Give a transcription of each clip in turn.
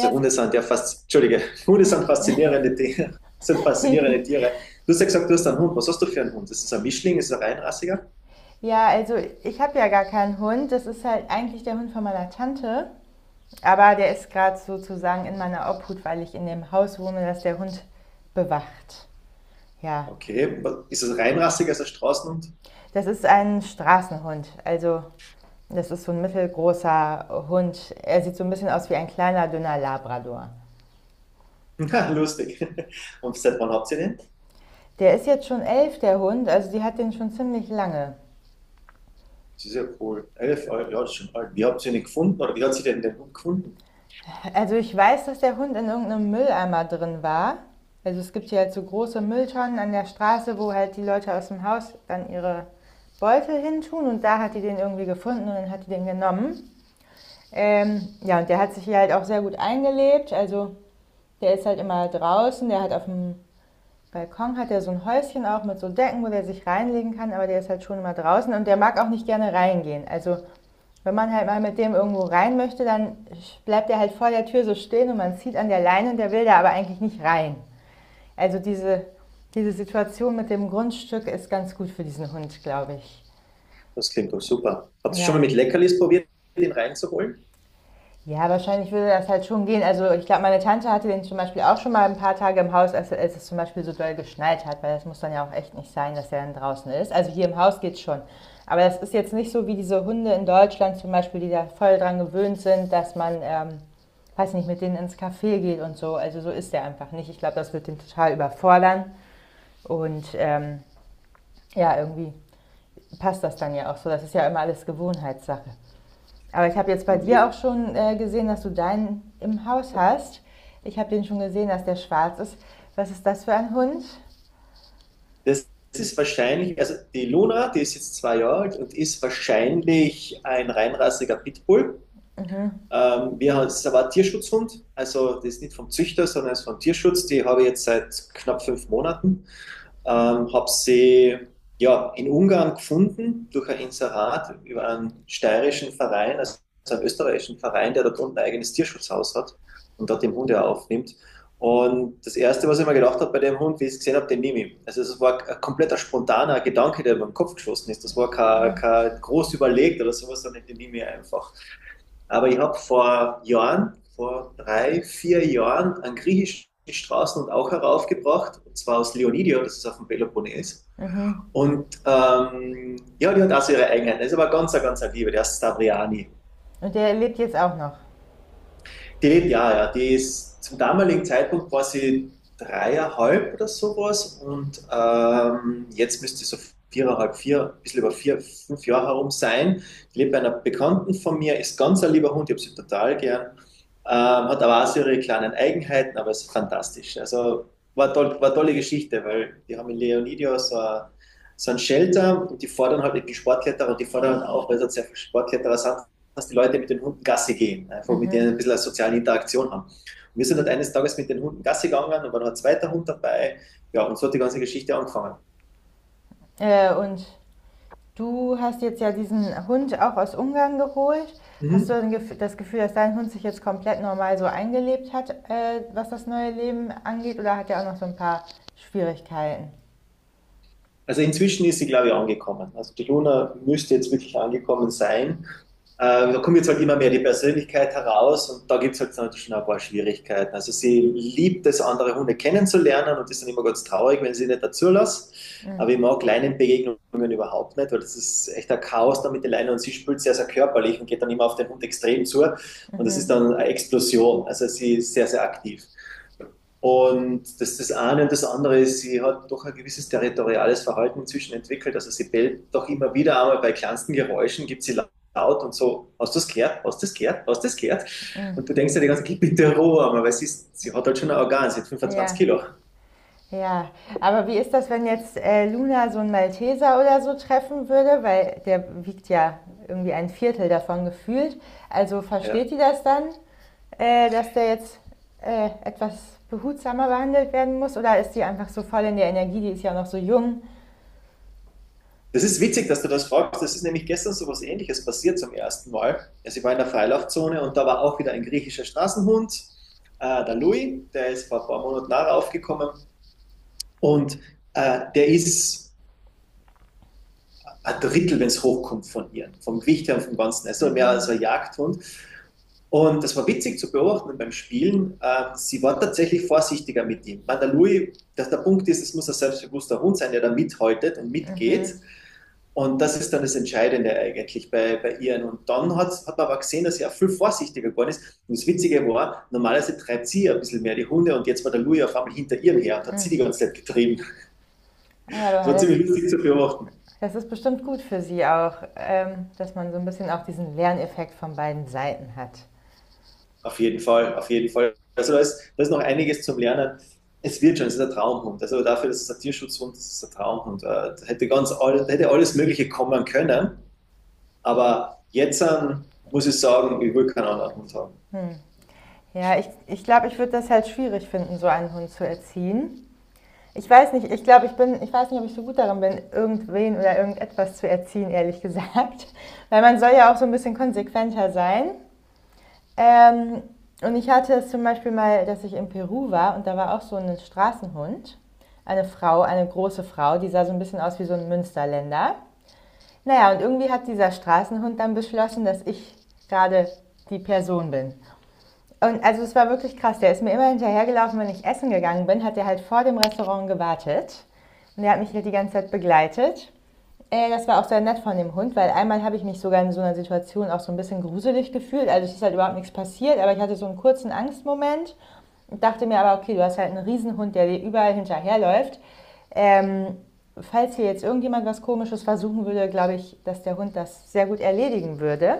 Also Hunde sind ja fast, entschuldige, Hunde sind faszinierende Tiere. Sind faszinierende Tiere. Du hast ja gesagt, du hast einen Hund. Was hast du für einen Hund? Ist es ein Mischling? Ist es ein Reinrassiger? ja, also ich habe ja gar keinen Hund. Das ist halt eigentlich der Hund von meiner Tante. Aber der ist gerade sozusagen in meiner Obhut, weil ich in dem Haus wohne, das der Hund bewacht. Ja, Okay. Ist es ein Reinrassiger? Ist es ein Straßenhund? das ist ein Straßenhund. Also das ist so ein mittelgroßer Hund. Er sieht so ein bisschen aus wie ein kleiner, dünner Labrador. Lustig. Und seit wann habt ihr den? Der ist jetzt schon 11, der Hund. Also die hat den schon ziemlich lange. Das ist ja cool. 11 Jahre, ja, das ist schon alt. Wie habt ihr den gefunden oder wie hat sie denn den Hund gefunden? Also ich weiß, dass der Hund in irgendeinem Mülleimer drin war. Also es gibt hier halt so große Mülltonnen an der Straße, wo halt die Leute aus dem Haus dann ihre Beutel hintun und da hat die den irgendwie gefunden und dann hat die den genommen. Ja, und der hat sich hier halt auch sehr gut eingelebt. Also der ist halt immer draußen, der hat auf dem Balkon hat er so ein Häuschen auch mit so Decken, wo der sich reinlegen kann, aber der ist halt schon immer draußen und der mag auch nicht gerne reingehen. Also wenn man halt mal mit dem irgendwo rein möchte, dann bleibt er halt vor der Tür so stehen und man zieht an der Leine und der will da aber eigentlich nicht rein. Also diese Situation mit dem Grundstück ist ganz gut für diesen Hund, glaube ich. Das klingt doch super. Habt ihr schon mal Ja, mit Leckerlis probiert, den reinzuholen? ja, wahrscheinlich würde das halt schon gehen. Also ich glaube, meine Tante hatte den zum Beispiel auch schon mal ein paar Tage im Haus, als es zum Beispiel so doll geschneit hat, weil das muss dann ja auch echt nicht sein, dass er dann draußen ist. Also hier im Haus geht's schon. Aber das ist jetzt nicht so wie diese Hunde in Deutschland zum Beispiel, die da voll dran gewöhnt sind, dass man, weiß nicht, mit denen ins Café geht und so. Also so ist der einfach nicht. Ich glaube, das wird den total überfordern. Und ja, irgendwie passt das dann ja auch so. Das ist ja immer alles Gewohnheitssache. Aber ich habe jetzt bei dir auch schon gesehen, dass du deinen im Haus hast. Ich habe den schon gesehen, dass der schwarz ist. Was ist das für ein Hund? Das ist wahrscheinlich, also die Luna, die ist jetzt 2 Jahre alt und ist wahrscheinlich ein reinrassiger Pitbull. Es ist aber ein Tierschutzhund, also das ist nicht vom Züchter, sondern es ist vom Tierschutz. Die habe ich jetzt seit knapp 5 Monaten. Habe sie ja, in Ungarn gefunden durch ein Inserat über einen steirischen Verein, also einen österreichischen Verein, der dort unten ein eigenes Tierschutzhaus hat und dort den Hund ja aufnimmt. Und das Erste, was ich mir gedacht habe bei dem Hund, wie ich es gesehen habe, den nehme ich. Also das war ein kompletter spontaner Gedanke, der mir im Kopf geschossen ist. Das war kein groß überlegt oder sowas, sondern den nehme ich einfach. Aber ich habe vor Jahren, vor 3, 4 Jahren, einen griechischen Straßen und auch heraufgebracht, und zwar aus Leonidio, das ist auf dem Peloponnes. Und ja, die hat auch so ihre Eigenheiten. Das ist aber ganz, ganz eine Liebe, der ist Stavriani. Und der lebt jetzt auch noch. Die lebt ja, ja. Die ist zum damaligen Zeitpunkt war sie 3,5 oder sowas und jetzt müsste sie so 4,5, vier, ein bisschen über vier, fünf Jahre herum sein. Die lebt bei einer Bekannten von mir, ist ganz ein lieber Hund, ich habe sie total gern. Ähm, hat aber auch so ihre kleinen Eigenheiten, aber ist fantastisch. Also war, toll, war tolle Geschichte, weil die haben in Leonidio so, so ein Shelter und die fordern halt die Sportkletterer und die fordern auch, weil es halt sehr viele Sportkletterer sind, dass die Leute mit den Hunden Gassi gehen, einfach mit denen ein bisschen eine soziale Interaktion haben. Und wir sind halt eines Tages mit den Hunden Gassi gegangen und war noch ein zweiter Hund dabei. Ja, und so hat die ganze Geschichte angefangen. Und du hast jetzt ja diesen Hund auch aus Ungarn geholt. Hast Mhm. du das Gefühl, dass dein Hund sich jetzt komplett normal so eingelebt hat, was das neue Leben angeht? Oder hat er auch noch so ein paar Schwierigkeiten? Also inzwischen ist sie, glaube ich, angekommen. Also die Luna müsste jetzt wirklich angekommen sein. Da kommt jetzt halt immer mehr die Persönlichkeit heraus und da gibt es halt dann schon ein paar Schwierigkeiten. Also sie liebt es, andere Hunde kennenzulernen und ist dann immer ganz traurig, wenn sie nicht dazu lässt. Aber ich mag Leinenbegegnungen überhaupt nicht, weil das ist echt ein Chaos da mit den Leinen und sie spielt sehr, sehr körperlich und geht dann immer auf den Hund extrem zu und das ist dann eine Explosion. Also sie ist sehr, sehr aktiv. Und das ist das eine. Und das andere ist, sie hat doch ein gewisses territoriales Verhalten inzwischen entwickelt. Also sie bellt doch immer wieder einmal bei kleinsten Geräuschen, gibt sie laut und so, hast du das gehört? Hast du das gehört? Hast du das gehört? Und du denkst dir die ganze Zeit, bitte Ruhe, einmal, weil sie hat halt schon ein Organ, sie hat fünfundzwanzig Ja. Kilo. Ja, aber wie ist das, wenn jetzt Luna so einen Malteser oder so treffen würde? Weil der wiegt ja irgendwie ein Viertel davon gefühlt. Also Ja. versteht die das dann, dass der jetzt etwas behutsamer behandelt werden muss? Oder ist die einfach so voll in der Energie? Die ist ja auch noch so jung. Das ist witzig, dass du das fragst. Das ist nämlich gestern so was Ähnliches passiert zum ersten Mal. Also ich war in der Freilaufzone und da war auch wieder ein griechischer Straßenhund, der Louis, der ist vor ein paar Monaten nachher aufgekommen und der ist ein Drittel, wenn es hochkommt, von ihr, vom Gewicht her und vom Ganzen. Also mehr als Mhm. ein Jagdhund. Und das war witzig zu beobachten beim Spielen. Sie war tatsächlich vorsichtiger mit ihm. Bei der Louis, dass der Punkt ist, es muss ein selbstbewusster Hund sein, der da mithaltet und mitgeht. Und das ist dann das Entscheidende eigentlich bei ihr. Und dann hat man aber gesehen, dass sie auch viel vorsichtiger geworden ist. Und das Witzige war, normalerweise treibt sie ja ein bisschen mehr die Hunde und jetzt war der Louis auf einmal hinter ihr her und hat sie die ganze Zeit getrieben. Ah ja, aber Das war ziemlich lustig zu beobachten. das ist bestimmt gut für sie auch, dass man so ein bisschen auch diesen Lerneffekt von beiden Seiten hat. Auf jeden Fall, auf jeden Fall. Also da ist noch einiges zum Lernen. Es wird schon, es ist ein Traumhund. Also dafür, dass es ein Tierschutzhund ist, ist es ein Traumhund. Da hätte da hätte alles Mögliche kommen können. Aber jetzt muss ich sagen, ich will keinen anderen Hund haben. Ja, ich glaube, ich würde das halt schwierig finden, so einen Hund zu erziehen. Ich weiß nicht, ich glaube, ich bin, ich weiß nicht, ob ich so gut darin bin, irgendwen oder irgendetwas zu erziehen, ehrlich gesagt. Weil man soll ja auch so ein bisschen konsequenter sein. Ähm, und ich hatte es zum Beispiel mal, dass ich in Peru war und da war auch so ein Straßenhund. Eine Frau, eine große Frau, die sah so ein bisschen aus wie so ein Münsterländer. Naja, und irgendwie hat dieser Straßenhund dann beschlossen, dass ich gerade die Person bin. Und also es war wirklich krass. Der ist mir immer hinterhergelaufen, wenn ich essen gegangen bin, hat er halt vor dem Restaurant gewartet. Und der hat mich halt die ganze Zeit begleitet. Das war auch sehr nett von dem Hund, weil einmal habe ich mich sogar in so einer Situation auch so ein bisschen gruselig gefühlt. Also es ist halt überhaupt nichts passiert, aber ich hatte so einen kurzen Angstmoment und dachte mir aber, okay, du hast halt einen Riesenhund, der dir überall hinterherläuft. Ähm, Falls hier jetzt irgendjemand was Komisches versuchen würde, glaube ich, dass der Hund das sehr gut erledigen würde.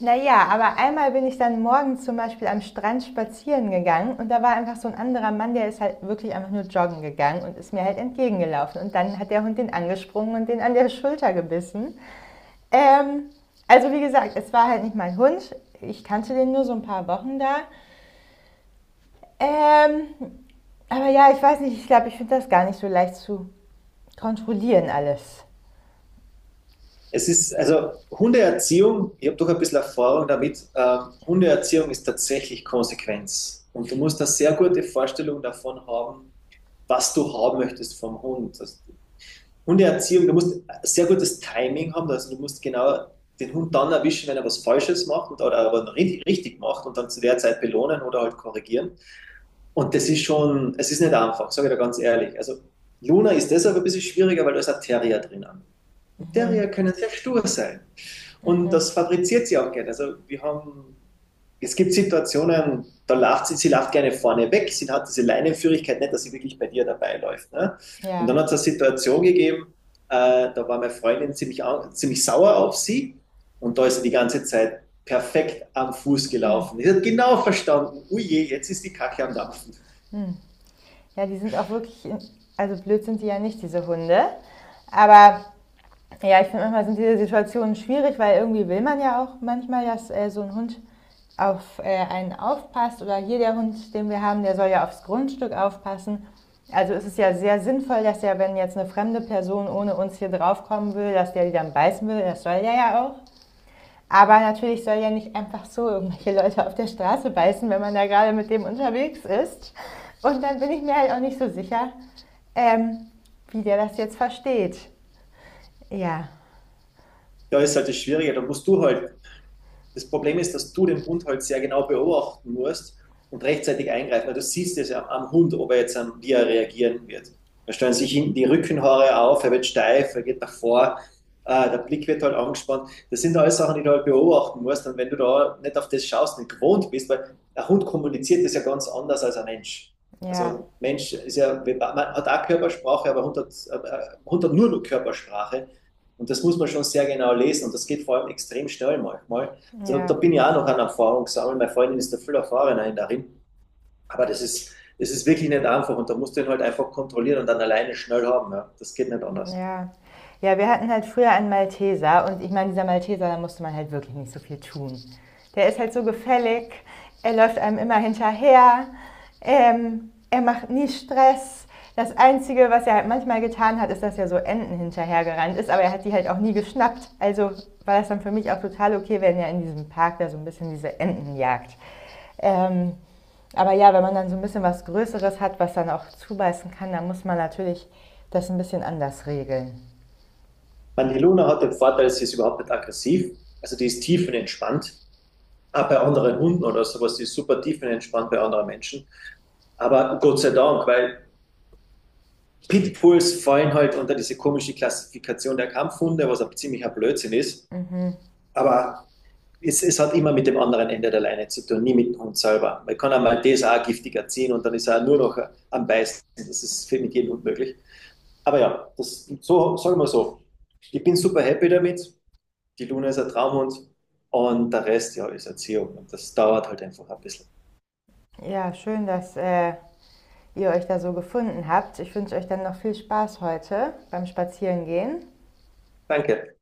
Naja, aber einmal bin ich dann morgens zum Beispiel am Strand spazieren gegangen und da war einfach so ein anderer Mann, der ist halt wirklich einfach nur joggen gegangen und ist mir halt entgegengelaufen. Und dann hat der Hund den angesprungen und den an der Schulter gebissen. Ähm, also wie gesagt, es war halt nicht mein Hund. Ich kannte den nur so ein paar Wochen da. Ähm, aber ja, ich weiß nicht, ich glaube, ich finde das gar nicht so leicht zu kontrollieren alles. Es ist, also Hundeerziehung, ich habe doch ein bisschen Erfahrung damit, Hundeerziehung ist tatsächlich Konsequenz. Und du musst eine sehr gute Vorstellung davon haben, was du haben möchtest vom Hund. Hundeerziehung, du musst sehr gutes Timing haben, also du musst genau den Hund dann erwischen, wenn er was Falsches macht und, oder aber richtig macht und dann zu der Zeit belohnen oder halt korrigieren. Und das ist schon, es ist nicht einfach, sage ich dir ganz ehrlich. Also Luna ist deshalb ein bisschen schwieriger, weil da ist ein Terrier drinnen. Und Terrier können sehr stur sein. Und das fabriziert sie auch gerne. Also wir haben, es gibt Situationen, da lacht sie, sie lacht gerne vorne weg, sie hat diese Leinenführigkeit nicht, dass sie wirklich bei dir dabei läuft. Ne? Und Ja, dann hat es eine Situation gegeben, da war meine Freundin ziemlich sauer auf sie und da ist sie die ganze Zeit perfekt am Fuß gelaufen. Ich habe genau verstanden, uje, jetzt ist die Kacke am Dampfen. ja, die sind auch wirklich, also blöd sind die ja nicht, diese Hunde. Aber ja, ich finde manchmal sind diese Situationen schwierig, weil irgendwie will man ja auch manchmal, dass so ein Hund auf einen aufpasst oder hier der Hund, den wir haben, der soll ja aufs Grundstück aufpassen. Also ist es ja sehr sinnvoll, dass ja, wenn jetzt eine fremde Person ohne uns hier draufkommen will, dass der die dann beißen will, das soll der ja auch. Aber natürlich soll ja nicht einfach so irgendwelche Leute auf der Straße beißen, wenn man da gerade mit dem unterwegs ist. Und dann bin ich mir halt auch nicht so sicher, ähm, wie der das jetzt versteht. Ja, Da ist halt das Schwierige, da musst du halt. Das Problem ist, dass du den Hund halt sehr genau beobachten musst und rechtzeitig eingreifen, weil du siehst es ja am Hund, ob er jetzt, wie er reagieren wird. Da stellen sich hinten die Rückenhaare auf, er wird steif, er geht nach vor, der Blick wird halt angespannt. Das sind alles Sachen, die du halt beobachten musst. Und wenn du da nicht auf das schaust, nicht gewohnt bist, weil ein Hund kommuniziert das ja ganz anders als ein Mensch. ja. Also Mensch ist ja, man hat auch Körpersprache, aber Hund hat nur Körpersprache. Und das muss man schon sehr genau lesen. Und das geht vor allem extrem schnell manchmal. So, da Ja, bin ich auch noch an Erfahrung sammeln. Meine Freundin ist da viel erfahrener darin. Aber das ist wirklich nicht einfach und da musst du ihn halt einfach kontrollieren und dann alleine schnell haben. Ja. Das geht nicht anders. ja. Ja, wir hatten halt früher einen Malteser und ich meine, dieser Malteser, da musste man halt wirklich nicht so viel tun. Der ist halt so gefällig, er läuft einem immer hinterher, er macht nie Stress. Das Einzige, was er halt manchmal getan hat, ist, dass er so Enten hinterhergerannt ist, aber er hat die halt auch nie geschnappt. Also war das dann für mich auch total okay, wenn er in diesem Park da so ein bisschen diese Enten jagt. Ähm, Aber ja, wenn man dann so ein bisschen was Größeres hat, was dann auch zubeißen kann, dann muss man natürlich das ein bisschen anders regeln. Man, die Luna hat den Vorteil, sie ist überhaupt nicht aggressiv. Also die ist tiefenentspannt. Auch bei anderen Hunden oder sowas, die ist super tiefenentspannt bei anderen Menschen. Aber Gott sei Dank, weil Pitbulls fallen halt unter diese komische Klassifikation der Kampfhunde, was ein ziemlicher Blödsinn ist. Aber Es hat immer mit dem anderen Ende der Leine zu tun, nie mit dem Hund selber. Man kann einmal das auch giftig erziehen und dann ist er nur noch am Beißen. Das ist mit jedem Hund möglich. Aber ja, das, so, sagen wir so. Ich bin super happy damit. Die Luna ist ein Traumhund und der Rest ja, ist Erziehung. Und das dauert halt einfach ein bisschen. Ja, schön, dass ihr euch da so gefunden habt. Ich wünsche euch dann noch viel Spaß heute beim Spazierengehen. Danke.